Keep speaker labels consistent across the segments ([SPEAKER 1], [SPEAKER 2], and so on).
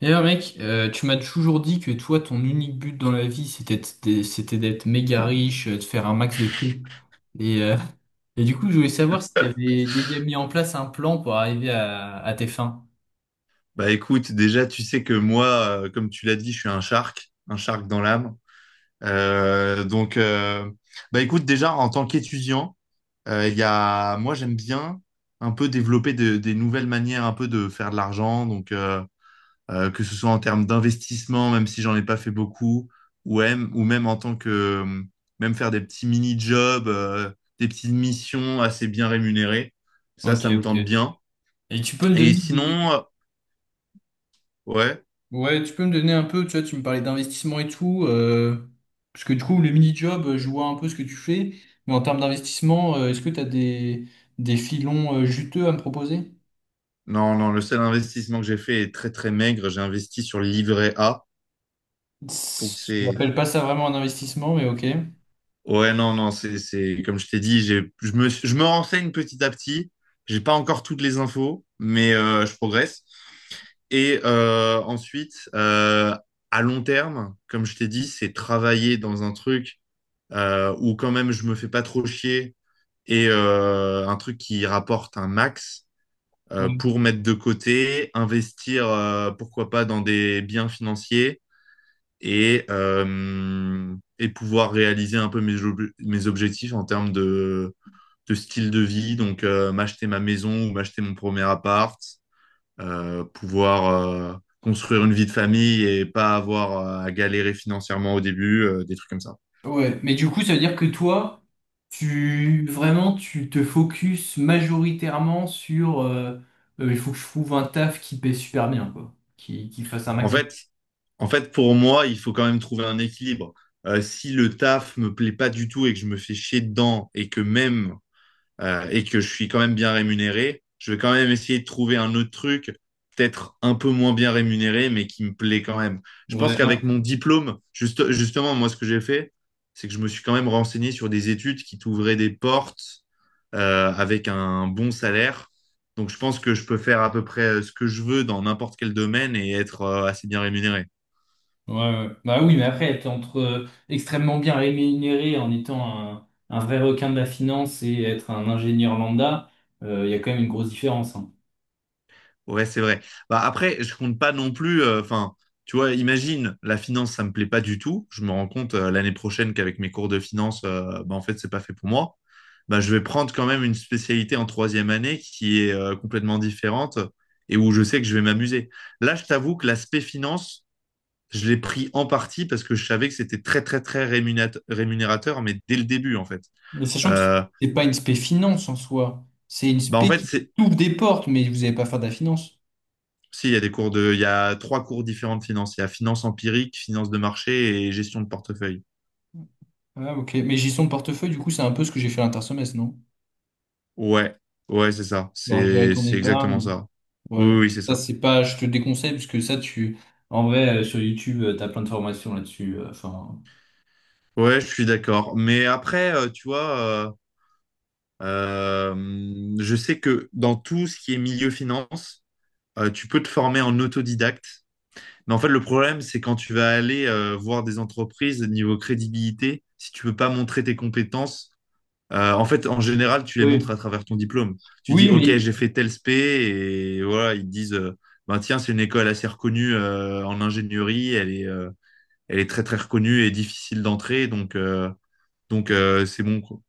[SPEAKER 1] D'ailleurs, mec, tu m'as toujours dit que toi, ton unique but dans la vie, c'était d'être méga riche, de faire un max de fric. Et, euh, et du coup, je voulais savoir si tu avais déjà mis en place un plan pour arriver à tes fins.
[SPEAKER 2] Bah écoute, déjà, tu sais que moi, comme tu l'as dit, je suis un shark dans l'âme. Euh, donc, euh, Bah écoute, déjà, en tant qu'étudiant, il y a, moi, j'aime bien un peu développer des nouvelles manières un peu de faire de l'argent. Que ce soit en termes d'investissement, même si j'en ai pas fait beaucoup, ou même en tant que, même faire des petits mini-jobs, des petites missions assez bien rémunérées. Ça,
[SPEAKER 1] Ok,
[SPEAKER 2] ça me
[SPEAKER 1] ok.
[SPEAKER 2] tente bien.
[SPEAKER 1] Et tu peux me
[SPEAKER 2] Et
[SPEAKER 1] donner des...
[SPEAKER 2] sinon, ouais.
[SPEAKER 1] Ouais, tu peux me donner un peu, tu vois, tu me parlais d'investissement et tout, parce que du coup, le mini-job, je vois un peu ce que tu fais, mais en termes d'investissement, est-ce que tu as des filons juteux à me proposer?
[SPEAKER 2] Non, non, le seul investissement que j'ai fait est très très maigre. J'ai investi sur le livret A. Donc
[SPEAKER 1] Je
[SPEAKER 2] c'est.
[SPEAKER 1] n'appelle pas ça vraiment un investissement, mais ok.
[SPEAKER 2] Ouais, non, non, comme je t'ai dit, j'ai... je me renseigne petit à petit. J'ai pas encore toutes les infos, mais je progresse. Et à long terme, comme je t'ai dit, c'est travailler dans un truc où quand même je me fais pas trop chier et un truc qui rapporte un max pour
[SPEAKER 1] Ouais.
[SPEAKER 2] mettre de côté, investir, pourquoi pas, dans des biens financiers et pouvoir réaliser un peu mes objectifs en termes de style de vie, donc m'acheter ma maison ou m'acheter mon premier appart, pouvoir euh, construire une vie de famille et pas avoir à galérer financièrement au début, des trucs comme ça.
[SPEAKER 1] Ouais. Mais du coup, ça veut dire que toi, tu vraiment tu te focus majoritairement sur il faut que je trouve un taf qui paie super bien, quoi. Qui fasse un
[SPEAKER 2] En
[SPEAKER 1] max de.
[SPEAKER 2] fait, en fait, pour moi, il faut quand même trouver un équilibre. Si le taf me plaît pas du tout et que je me fais chier dedans et que même et que je suis quand même bien rémunéré, je vais quand même essayer de trouver un autre truc, peut-être un peu moins bien rémunéré, mais qui me plaît quand même. Je pense
[SPEAKER 1] Ouais, ah,
[SPEAKER 2] qu'avec mon diplôme, justement, moi, ce que j'ai fait, c'est que je me suis quand même renseigné sur des études qui t'ouvraient des portes avec un bon salaire. Donc, je pense que je peux faire à peu près ce que je veux dans n'importe quel domaine et être assez bien rémunéré.
[SPEAKER 1] ouais, ouais. Bah oui, mais après, être entre extrêmement bien rémunéré en étant un vrai requin de la finance et être un ingénieur lambda, il y a quand même une grosse différence, hein.
[SPEAKER 2] Ouais, c'est vrai. Bah, après, je compte pas non plus. Enfin, tu vois, imagine, la finance, ça me plaît pas du tout. Je me rends compte l'année prochaine qu'avec mes cours de finance, bah, en fait, c'est pas fait pour moi. Bah, je vais prendre quand même une spécialité en troisième année qui est complètement différente et où je sais que je vais m'amuser. Là, je t'avoue que l'aspect finance, je l'ai pris en partie parce que je savais que c'était très rémunérateur, mais dès le début, en fait.
[SPEAKER 1] Mais sachant que
[SPEAKER 2] Euh,
[SPEAKER 1] c'est pas une spé finance en soi, c'est une
[SPEAKER 2] bah, en
[SPEAKER 1] spé
[SPEAKER 2] fait,
[SPEAKER 1] qui
[SPEAKER 2] c'est
[SPEAKER 1] ouvre des portes, mais vous n'allez pas faire de la finance.
[SPEAKER 2] Si, il y a des cours de, il y a trois cours différents de finance. Il y a finance empirique, finance de marché et gestion de portefeuille.
[SPEAKER 1] Ah, ok. Mais gestion de portefeuille, du coup, c'est un peu ce que j'ai fait l'intersemestre, non?
[SPEAKER 2] Ouais, ouais, c'est ça.
[SPEAKER 1] Genre gérer ton
[SPEAKER 2] C'est exactement
[SPEAKER 1] épargne.
[SPEAKER 2] ça. Oui, oui,
[SPEAKER 1] Ouais.
[SPEAKER 2] oui, c'est
[SPEAKER 1] Ça,
[SPEAKER 2] ça.
[SPEAKER 1] c'est pas, je te déconseille, parce que ça, tu, en vrai, sur YouTube, t'as plein de formations là-dessus. Enfin.
[SPEAKER 2] Ouais, je suis d'accord. Mais après, tu vois, euh, je sais que dans tout ce qui est milieu finance, tu peux te former en autodidacte. Mais en fait, le problème, c'est quand tu vas aller voir des entreprises niveau crédibilité, si tu peux pas montrer tes compétences, en fait, en général, tu les montres
[SPEAKER 1] Oui.
[SPEAKER 2] à travers ton diplôme. Tu dis,
[SPEAKER 1] Oui,
[SPEAKER 2] OK,
[SPEAKER 1] mais.
[SPEAKER 2] j'ai fait tel SP, et voilà, ils te disent, ben tiens, c'est une école assez reconnue en ingénierie, elle est très très reconnue et difficile d'entrer, c'est bon. Quoi.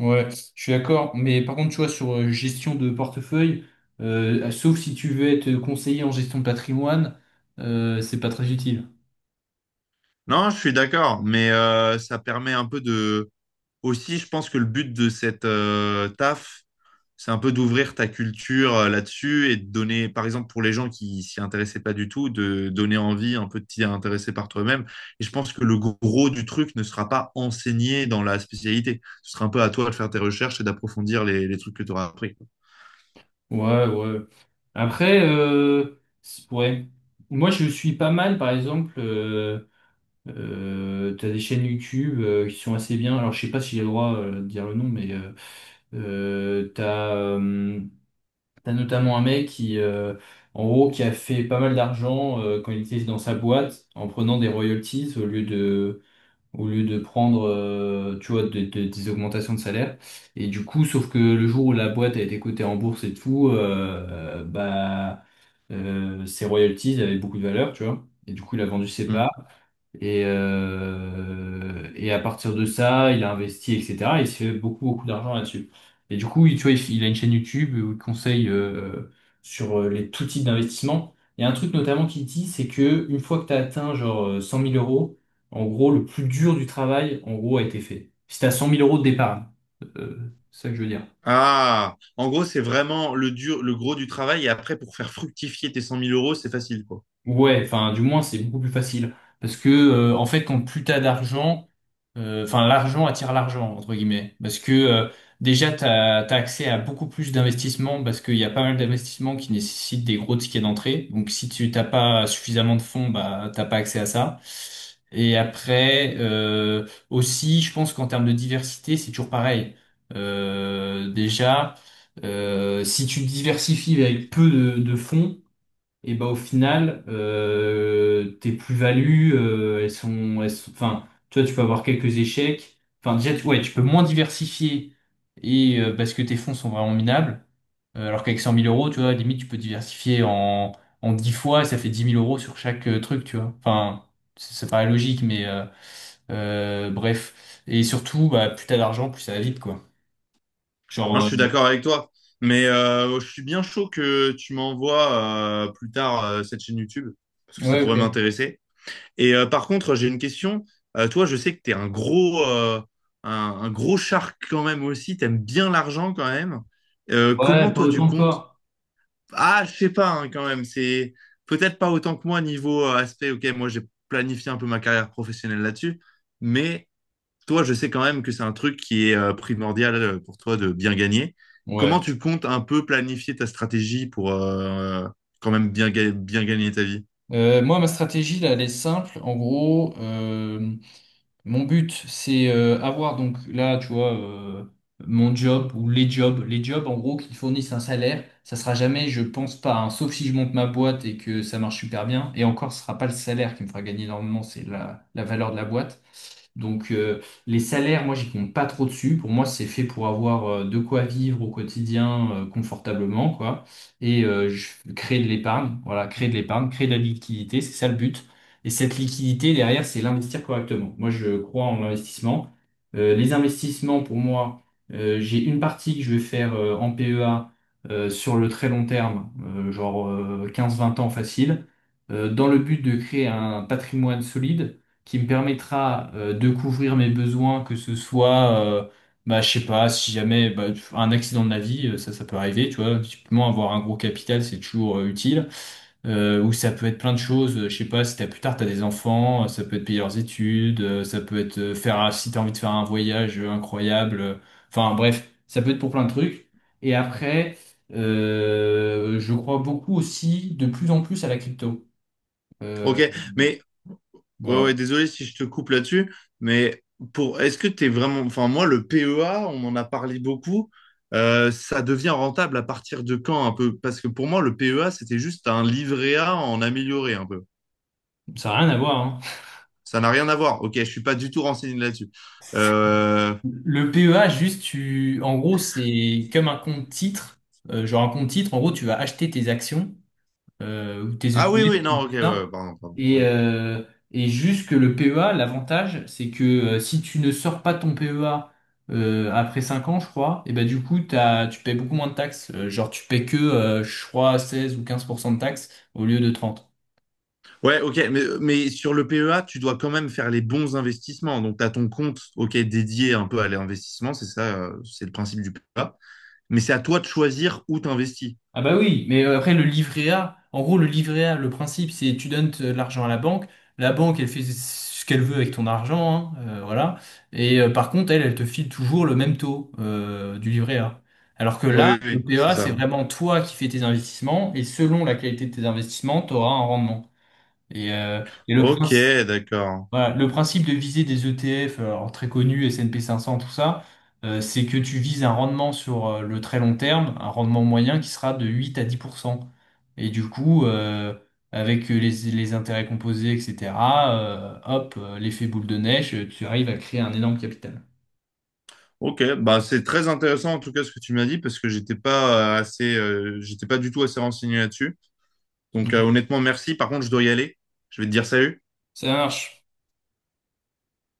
[SPEAKER 1] Ouais, je suis d'accord. Mais par contre, tu vois, sur gestion de portefeuille, ah, sauf si tu veux être conseiller en gestion de patrimoine, c'est pas très utile.
[SPEAKER 2] Non, je suis d'accord, mais ça permet un peu de. Aussi, je pense que le but de cette taf, c'est un peu d'ouvrir ta culture là-dessus et de donner, par exemple, pour les gens qui s'y intéressaient pas du tout, de donner envie un peu de t'y intéresser par toi-même. Et je pense que le gros du truc ne sera pas enseigné dans la spécialité. Ce sera un peu à toi de faire tes recherches et d'approfondir les trucs que tu auras appris.
[SPEAKER 1] Ouais, ouais. Après, c'est- ouais. Moi, je suis pas mal, par exemple. T'as des chaînes YouTube qui sont assez bien. Alors, je sais pas si j'ai le droit de dire le nom, mais euh, t'as euh, t'as notamment un mec qui, en gros, qui a fait pas mal d'argent quand il était dans sa boîte en prenant des royalties au lieu de prendre, tu vois, des augmentations de salaire. Et du coup, sauf que le jour où la boîte a été cotée en bourse et tout, bah, ses royalties avaient beaucoup de valeur, tu vois. Et du coup, il a vendu ses
[SPEAKER 2] Hmm.
[SPEAKER 1] parts. Et à partir de ça, il a investi, etc. Et il s'est fait beaucoup, beaucoup d'argent là-dessus. Et du coup, tu vois, il a une chaîne YouTube où il conseille sur les tout types d'investissements. Il y a un truc notamment qu'il dit, c'est que une fois que tu as atteint genre 100 000 euros, en gros, le plus dur du travail, en gros, a été fait. Si tu as 100 000 euros de départ, c'est ça que je veux dire.
[SPEAKER 2] Ah, en gros, c'est vraiment le dur, le gros du travail. Et après, pour faire fructifier tes 100 000 euros, c'est facile, quoi.
[SPEAKER 1] Ouais, enfin, du moins, c'est beaucoup plus facile. Parce que, en fait, quand plus t'as d'argent, enfin l'argent attire l'argent entre guillemets parce que déjà t'as accès à beaucoup plus d'investissements parce qu'il y a pas mal d'investissements qui nécessitent des gros tickets d'entrée, donc si tu t'as pas suffisamment de fonds, bah t'as pas accès à ça et après aussi je pense qu'en termes de diversité c'est toujours pareil. Déjà, si tu diversifies avec peu de fonds et bah au final, tes plus-values, elles sont, enfin, tu vois, tu peux avoir quelques échecs. Enfin, déjà, tu, ouais, tu peux moins diversifier et parce que tes fonds sont vraiment minables. Alors qu'avec 100 000 euros, tu vois, limite, tu peux diversifier en 10 fois, ça fait 10 000 euros sur chaque truc, tu vois. Enfin, ça paraît logique, mais bref. Et surtout, bah, plus t'as d'argent, plus ça va vite, quoi.
[SPEAKER 2] Non,
[SPEAKER 1] Genre,
[SPEAKER 2] je suis d'accord avec toi. Mais je suis bien chaud que tu m'envoies plus tard cette chaîne YouTube, parce que ça
[SPEAKER 1] ouais,
[SPEAKER 2] pourrait
[SPEAKER 1] ok.
[SPEAKER 2] m'intéresser. Et par contre, j'ai une question. Toi, je sais que tu es un gros shark quand même aussi. Tu aimes bien l'argent quand même.
[SPEAKER 1] Ouais,
[SPEAKER 2] Comment
[SPEAKER 1] pas
[SPEAKER 2] toi, tu
[SPEAKER 1] autant que
[SPEAKER 2] comptes?
[SPEAKER 1] toi.
[SPEAKER 2] Ah, je sais pas hein, quand même. C'est peut-être pas autant que moi niveau aspect. Ok, moi, j'ai planifié un peu ma carrière professionnelle là-dessus. Mais toi, je sais quand même que c'est un truc qui est primordial pour toi de bien gagner.
[SPEAKER 1] Ouais.
[SPEAKER 2] Comment tu comptes un peu planifier ta stratégie pour quand même bien gagner ta vie?
[SPEAKER 1] Moi, ma stratégie, là, elle est simple. En gros, mon but, c'est avoir, donc là, tu vois, mon job ou les jobs, en gros, qui fournissent un salaire. Ça sera jamais, je pense pas, hein, sauf si je monte ma boîte et que ça marche super bien. Et encore, ce sera pas le salaire qui me fera gagner énormément, c'est la valeur de la boîte. Donc les salaires, moi j'y compte pas trop dessus. Pour moi, c'est fait pour avoir de quoi vivre au quotidien confortablement, quoi. Créer de l'épargne, voilà, créer de l'épargne, créer de la liquidité, c'est ça le but. Et cette liquidité derrière, c'est l'investir correctement. Moi, je crois en l'investissement. Les investissements, pour moi, j'ai une partie que je vais faire en PEA sur le très long terme, genre 15-20 ans facile, dans le but de créer un patrimoine solide qui me permettra de couvrir mes besoins, que ce soit, bah, je sais pas, si jamais bah, un accident de la vie, ça peut arriver, tu vois, typiquement avoir un gros capital, c'est toujours utile. Ou ça peut être plein de choses, je sais pas, si t'as plus tard, t'as des enfants, ça peut être payer leurs études, ça peut être faire, si t'as envie de faire un voyage incroyable, enfin bref, ça peut être pour plein de trucs. Et après, je crois beaucoup aussi de plus en plus à la crypto. Euh,
[SPEAKER 2] Ok, mais ouais,
[SPEAKER 1] voilà,
[SPEAKER 2] ouais, désolé si je te coupe là-dessus, mais pour est-ce que tu es vraiment. Enfin, moi, le PEA, on en a parlé beaucoup. Ça devient rentable à partir de quand un peu? Parce que pour moi, le PEA, c'était juste un livret A en amélioré un peu.
[SPEAKER 1] ça n'a rien à voir, hein.
[SPEAKER 2] Ça n'a rien à voir. Ok, je suis pas du tout renseigné là-dessus. Euh,
[SPEAKER 1] Le PEA, juste, tu, en gros, c'est comme un compte titre. Genre un compte titre, en gros, tu vas acheter tes actions ou tes
[SPEAKER 2] Ah oui, oui,
[SPEAKER 1] ETF, ou
[SPEAKER 2] non, ok,
[SPEAKER 1] tout
[SPEAKER 2] ouais,
[SPEAKER 1] ça.
[SPEAKER 2] pardon, pardon,
[SPEAKER 1] Et,
[SPEAKER 2] oui.
[SPEAKER 1] euh, et juste que le PEA, l'avantage, c'est que si tu ne sors pas ton PEA après 5 ans, je crois, et ben du coup, t'as, tu payes beaucoup moins de taxes. Genre, tu payes que, je crois, 16 ou 15% de taxes au lieu de 30.
[SPEAKER 2] Ouais, ok, mais sur le PEA, tu dois quand même faire les bons investissements. Donc, tu as ton compte, ok, dédié un peu à l'investissement, c'est ça, c'est le principe du PEA. Mais c'est à toi de choisir où t'investis.
[SPEAKER 1] Ah bah oui, mais après le livret A, en gros le livret A, le principe c'est tu donnes l'argent à la banque elle fait ce qu'elle veut avec ton argent, hein, voilà, et par contre elle, elle te file toujours le même taux du livret A. Alors que là,
[SPEAKER 2] Oui,
[SPEAKER 1] le
[SPEAKER 2] oui, c'est
[SPEAKER 1] PEA c'est
[SPEAKER 2] ça.
[SPEAKER 1] vraiment toi qui fais tes investissements et selon la qualité de tes investissements, tu auras un rendement. Et le
[SPEAKER 2] Ok,
[SPEAKER 1] principe...
[SPEAKER 2] d'accord.
[SPEAKER 1] Voilà, le principe de viser des ETF, alors très connus, S&P 500, tout ça, c'est que tu vises un rendement sur le très long terme, un rendement moyen qui sera de 8 à 10%. Et du coup, avec les intérêts composés, etc., hop, l'effet boule de neige, tu arrives à créer un énorme capital.
[SPEAKER 2] Ok, bah c'est très intéressant en tout cas ce que tu m'as dit parce que j'étais pas j'étais pas du tout assez renseigné là-dessus. Donc
[SPEAKER 1] Mhm.
[SPEAKER 2] honnêtement, merci. Par contre, je dois y aller. Je vais te dire salut.
[SPEAKER 1] Ça marche.